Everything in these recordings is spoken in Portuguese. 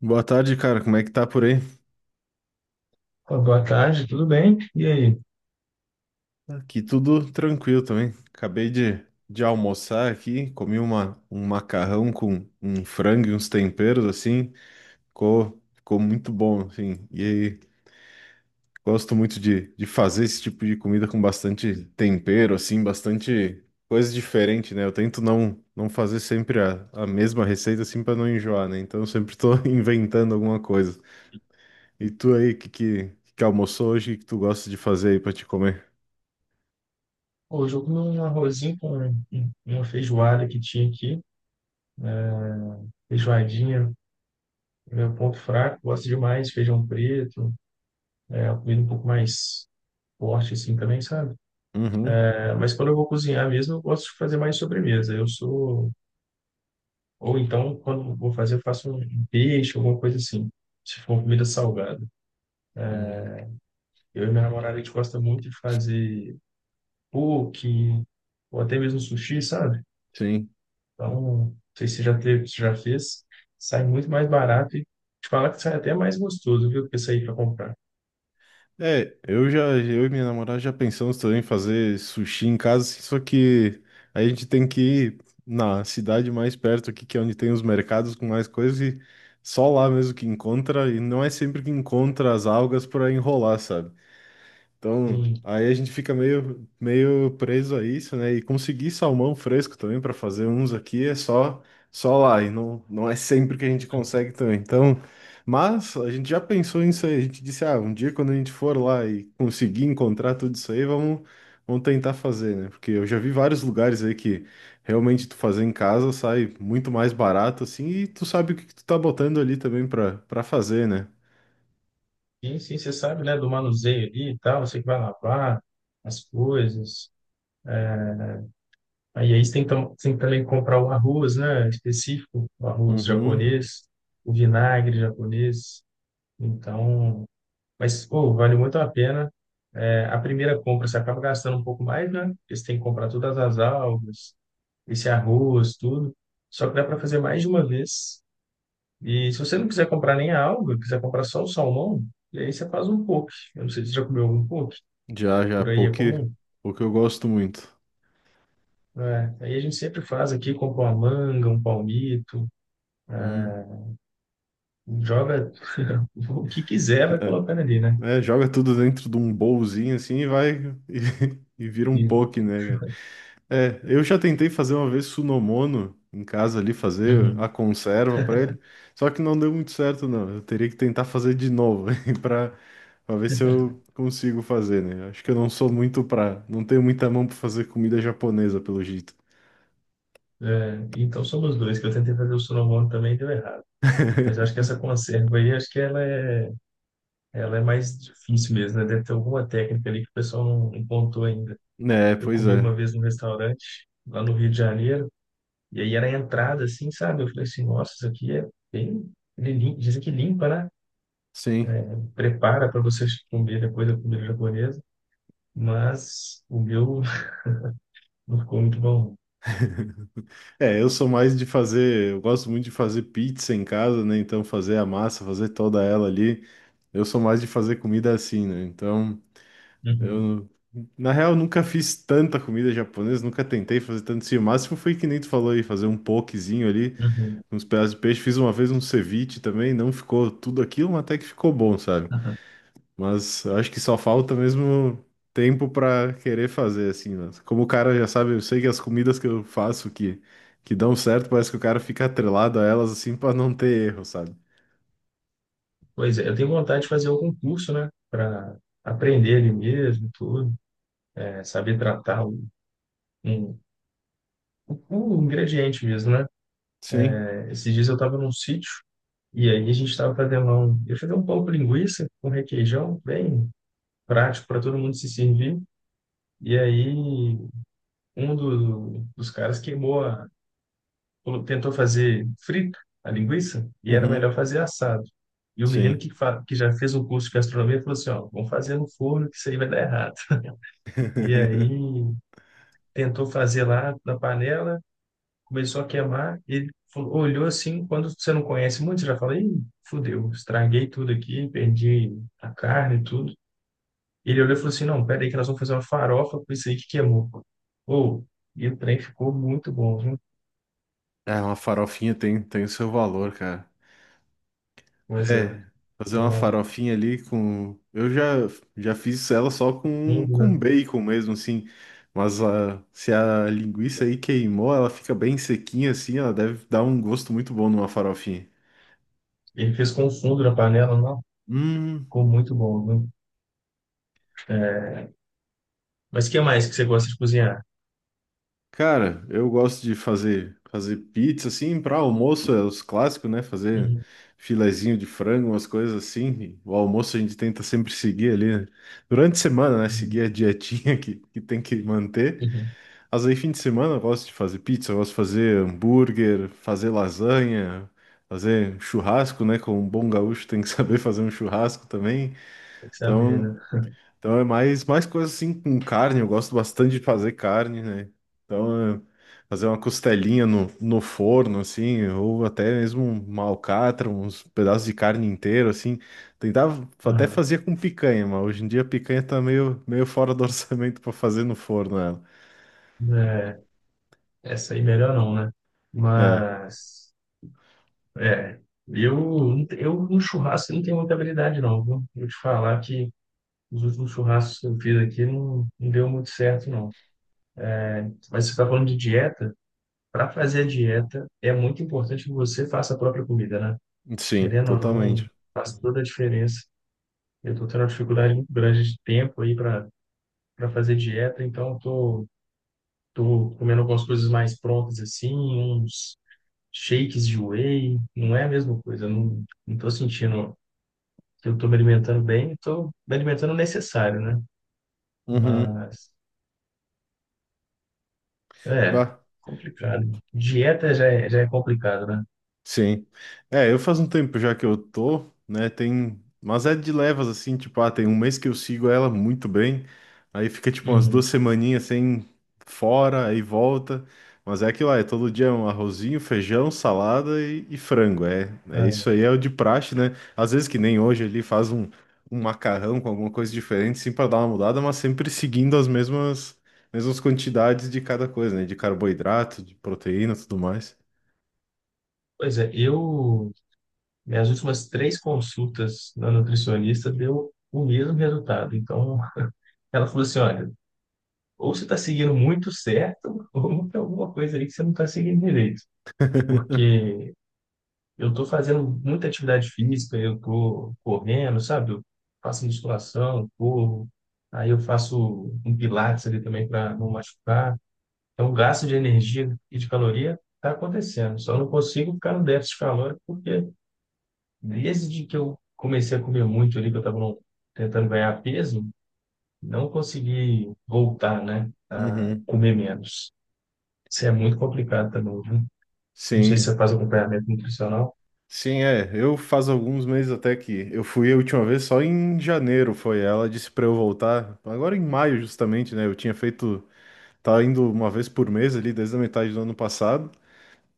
Boa tarde, cara. Como é que tá por aí? Ô, boa tarde, tudo bem? E aí? Aqui tudo tranquilo também. Acabei de almoçar aqui, comi um macarrão com um frango e uns temperos, assim. Ficou muito bom, assim. E aí, gosto muito de fazer esse tipo de comida com bastante tempero, assim, bastante coisa diferente, né? Eu tento não fazer sempre a mesma receita, assim, pra não enjoar, né? Então eu sempre tô inventando alguma coisa. E tu aí, que almoçou hoje? O que tu gosta de fazer aí pra te comer? Hoje eu comi um arrozinho com uma feijoada que tinha aqui, feijoadinha, meu ponto fraco, gosto demais, feijão preto, é, uma comida um pouco mais forte assim também, sabe? Uhum. É, mas quando eu vou cozinhar mesmo, eu gosto de fazer mais sobremesa, eu sou... Ou então, quando eu vou fazer, eu faço um peixe, alguma coisa assim, se for uma comida salgada. Uhum. Eu e minha namorada, a gente gosta muito de fazer poke, ou até mesmo sushi, sabe? Sim. Então, não sei se você já teve, se já fez. Sai muito mais barato e te falar que sai até mais gostoso, viu, que sair para comprar. É, eu já, eu e minha namorada já pensamos também em fazer sushi em casa, assim, só que a gente tem que ir na cidade mais perto aqui, que é onde tem os mercados com mais coisas, e só lá mesmo que encontra, e não é sempre que encontra as algas para enrolar, sabe? Então, Sim, aí a gente fica meio preso a isso, né? E conseguir salmão fresco também para fazer uns aqui é só lá, e não é sempre que a gente consegue também. Então, mas a gente já pensou nisso aí, a gente disse, ah, um dia quando a gente for lá e conseguir encontrar tudo isso aí, vamos tentar fazer, né? Porque eu já vi vários lugares aí que realmente tu fazer em casa sai muito mais barato assim, e tu sabe o que que tu tá botando ali também para fazer, né? sim, sim, você sabe, né, do manuseio ali e tal, você que vai lavar as coisas. Aí, aí você tem que também comprar o arroz, né, específico, o arroz Uhum. japonês, o vinagre japonês. Então, mas, pô, vale muito a pena. É, a primeira compra você acaba gastando um pouco mais, né, porque você tem que comprar todas as algas, esse arroz, tudo. Só que dá para fazer mais de uma vez. E se você não quiser comprar nem a alga, quiser comprar só o salmão, e aí você faz um poke. Eu não sei se você já comeu algum poke, Já, por aí é poke, comum. poke eu gosto muito. É, aí a gente sempre faz aqui, compra uma manga, um palmito, é, Hum, joga o que quiser, vai colocando ali, né? Joga tudo dentro de um bowlzinho assim e vai e vira um E- poke, né, cara? É, eu já tentei fazer uma vez Sunomono em casa ali, fazer a Uhum. conserva pra ele, só que não deu muito certo, não. Eu teria que tentar fazer de novo para para ver se eu consigo fazer, né? Acho que eu não sou muito pra, não tenho muita mão pra fazer comida japonesa, pelo jeito. É, então somos dois, que eu tentei fazer o sonomono também e deu errado. Mas eu acho que essa conserva aí, acho que ela é mais difícil mesmo, né? Deve ter alguma técnica ali que o pessoal não contou ainda. É, Eu pois comi é. uma vez num restaurante lá no Rio de Janeiro, e aí era a entrada, assim, sabe? Eu falei assim, nossa, isso aqui é bem. Ele Dizem que limpa, né? Sim. Prepara para você comer depois da comida japonesa, mas o meu não ficou muito bom. É, eu sou mais de fazer, eu gosto muito de fazer pizza em casa, né? Então fazer a massa, fazer toda ela ali. Eu sou mais de fazer comida assim, né? Então, Uhum, eu na real nunca fiz tanta comida japonesa, nunca tentei fazer tanto assim. O máximo foi que nem tu falou aí, fazer um pokezinho ali, uhum. uns pedaços de peixe. Fiz uma vez um ceviche também, não ficou tudo aquilo, mas até que ficou bom, sabe? Aham. Mas eu acho que só falta mesmo tempo pra querer fazer, assim, né? Como o cara já sabe, eu sei que as comidas que eu faço que dão certo, parece que o cara fica atrelado a elas, assim, pra não ter erro, sabe? Pois é, eu tenho vontade de fazer algum curso, né? Para aprender ali mesmo, tudo, é, saber tratar o, um, o ingrediente mesmo, né? Sim. É, esses dias eu estava num sítio, e aí a gente estava fazendo um, eu fazia um pão com linguiça com requeijão, bem prático para todo mundo se servir. E aí um dos caras queimou a, tentou fazer frito a linguiça e era Uhum. melhor fazer assado. E o menino Sim. que, que já fez um curso de gastronomia falou assim, ó, vamos fazer no forno que isso aí vai dar errado. E aí tentou fazer lá na panela, começou a queimar, ele falou, olhou assim, quando você não conhece muito, você já fala, ih, fudeu, estraguei tudo aqui, perdi a carne e tudo. Ele olhou e falou assim, não, pera aí que nós vamos fazer uma farofa com isso aí que queimou. Ou, e o trem ficou muito bom, viu? É, uma farofinha tem o seu valor, cara. Coisa, É, fazer uma um farofinha ali com. Eu já, já fiz ela só com, fundo, com né? bacon mesmo, assim. Mas a, se a linguiça aí queimou, ela fica bem sequinha assim, ela deve dar um gosto muito bom numa farofinha. Ele fez com fundo na panela, não? Hum, Ficou muito bom, viu? É, mas o que mais que você gosta de cozinhar? cara, eu gosto de fazer pizza assim para almoço, é os clássicos, né? Fazer Uhum, filezinho de frango, umas coisas assim. O almoço a gente tenta sempre seguir ali, né? Durante a semana, né? uhum, Seguir a dietinha que tem que manter. uhum. Mas aí, fim de semana, eu gosto de fazer pizza, eu gosto de fazer hambúrguer, fazer lasanha, fazer churrasco, né? Como um bom gaúcho tem que saber fazer um churrasco também. Tem que saber, Então, né? então é mais coisa assim com carne, eu gosto bastante de fazer carne, né? Então, é fazer uma costelinha no forno, assim, ou até mesmo uma alcatra, uns pedaços de carne inteiro, assim. Tentava, até Aham. fazia com picanha, mas hoje em dia a picanha tá meio fora do orçamento para fazer no forno ela. É, essa aí melhor não, né? É. Mas... É, eu, eu no churrasco eu não tenho muita habilidade, não, viu? Vou te falar que os últimos churrascos que eu fiz aqui não, não deu muito certo, não. Mas você está falando de dieta, para fazer a dieta é muito importante que você faça a própria comida, né? Sim, Querendo ou não, totalmente. faz toda a diferença. Eu estou tendo uma dificuldade muito grande de tempo aí para fazer dieta, então tô comendo algumas coisas mais prontas assim, uns shakes de whey, não é a mesma coisa, não, não tô sentindo. Se eu estou me alimentando bem, estou me alimentando o necessário, né? Uhum. Mas é Bah. complicado. Dieta já é complicado, né? Sim. É, eu faz um tempo já que eu tô, né? Tem. Mas é de levas, assim, tipo, ah, tem um mês que eu sigo ela muito bem. Aí fica, tipo, umas duas Uhum. semaninhas sem fora, aí volta. Mas é aquilo lá, é todo dia um arrozinho, feijão, salada e frango. É, é isso É. aí, é o de praxe, né? Às vezes que nem hoje ele faz um, um macarrão com alguma coisa diferente, sim, pra dar uma mudada, mas sempre seguindo mesmas quantidades de cada coisa, né? De carboidrato, de proteína, tudo mais. Pois é, eu minhas últimas três consultas na nutricionista deu o mesmo resultado. Então, ela falou assim, olha, ou você está seguindo muito certo, ou tem alguma coisa aí que você não está seguindo direito, porque eu estou fazendo muita atividade física, eu estou correndo, sabe? Eu faço musculação, corro, aí eu faço um pilates ali também para não machucar. Então, o gasto de energia e de caloria está acontecendo. Só não consigo ficar no déficit calórico porque desde que eu comecei a comer muito ali, que eu estava tentando ganhar peso, não consegui voltar, né, a comer menos. Isso é muito complicado também, viu? Não sei se Sim, você faz acompanhamento nutricional. sim, é. Eu faz alguns meses até que eu fui a última vez só em janeiro, foi. Ela disse pra eu voltar agora em maio justamente, né? Eu tinha feito, tava indo uma vez por mês ali desde a metade do ano passado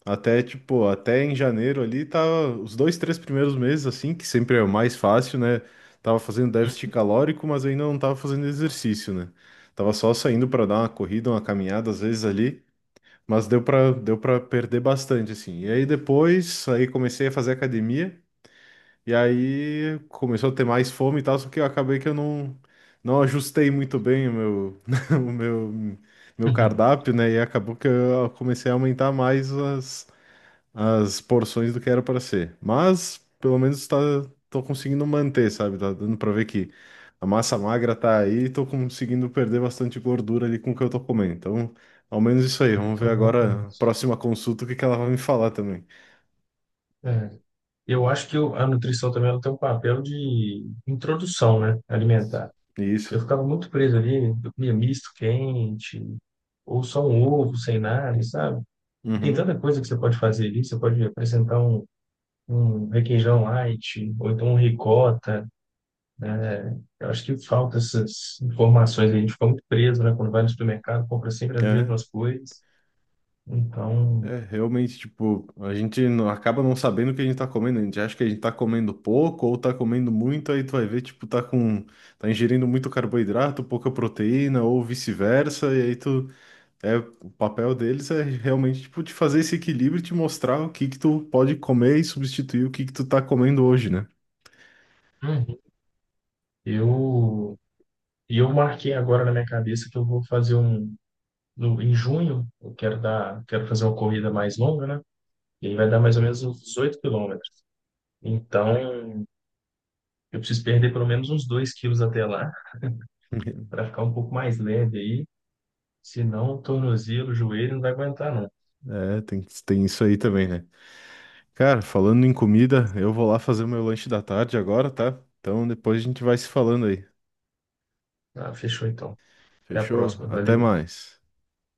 até em janeiro ali tava os dois, três primeiros meses assim que sempre é o mais fácil, né? Tava fazendo déficit calórico, mas ainda não tava fazendo exercício, né? Tava só saindo pra dar uma corrida, uma caminhada às vezes ali. Mas deu para perder bastante, assim. E aí depois, aí comecei a fazer academia, e aí começou a ter mais fome e tal, só que eu acabei que eu não, não ajustei muito bem o o meu, meu cardápio, né? E acabou que eu comecei a aumentar mais as, as porções do que era para ser. Mas pelo menos tá, tô conseguindo manter, sabe? Tá dando para ver que a massa magra tá aí e tô conseguindo perder bastante gordura ali com o que eu tô comendo. Então, ao menos isso aí. Vamos ver Então, bom. agora a próxima consulta o que que ela vai me falar também. Eu acho que a nutrição também ela tem um papel de introdução, né, alimentar. Eu Isso. ficava muito preso ali, eu comia misto quente, ou só um ovo sem nada, sabe? Tem tanta Uhum. coisa que você pode fazer ali, você pode apresentar um, um requeijão light, ou então um ricota, né? Eu acho que falta essas informações, aí, a gente fica muito preso, né, quando vai no supermercado, compra sempre as É. mesmas coisas. Então, É, realmente, tipo, a gente não- acaba não sabendo o que a gente tá comendo. A gente acha que a gente tá comendo pouco ou tá comendo muito, aí tu vai ver, tipo, tá ingerindo muito carboidrato, pouca proteína ou vice-versa, e aí tu É, o papel deles é realmente tipo de fazer esse equilíbrio e te mostrar o que que tu pode comer e substituir o que que tu tá comendo hoje, né? uhum, eu, e eu marquei agora na minha cabeça que eu vou fazer um no, em junho, eu quero dar, quero fazer uma corrida mais longa, né? E aí vai dar mais ou menos uns 18 quilômetros. Então, eu preciso perder pelo menos uns 2 quilos até lá, para ficar um pouco mais leve aí. Senão, o tornozelo, o joelho não vai aguentar, não. É, tem isso aí também, né? Cara, falando em comida, eu vou lá fazer o meu lanche da tarde agora, tá? Então depois a gente vai se falando aí. Ah, fechou então. Até a Fechou? próxima. Até Valeu. mais.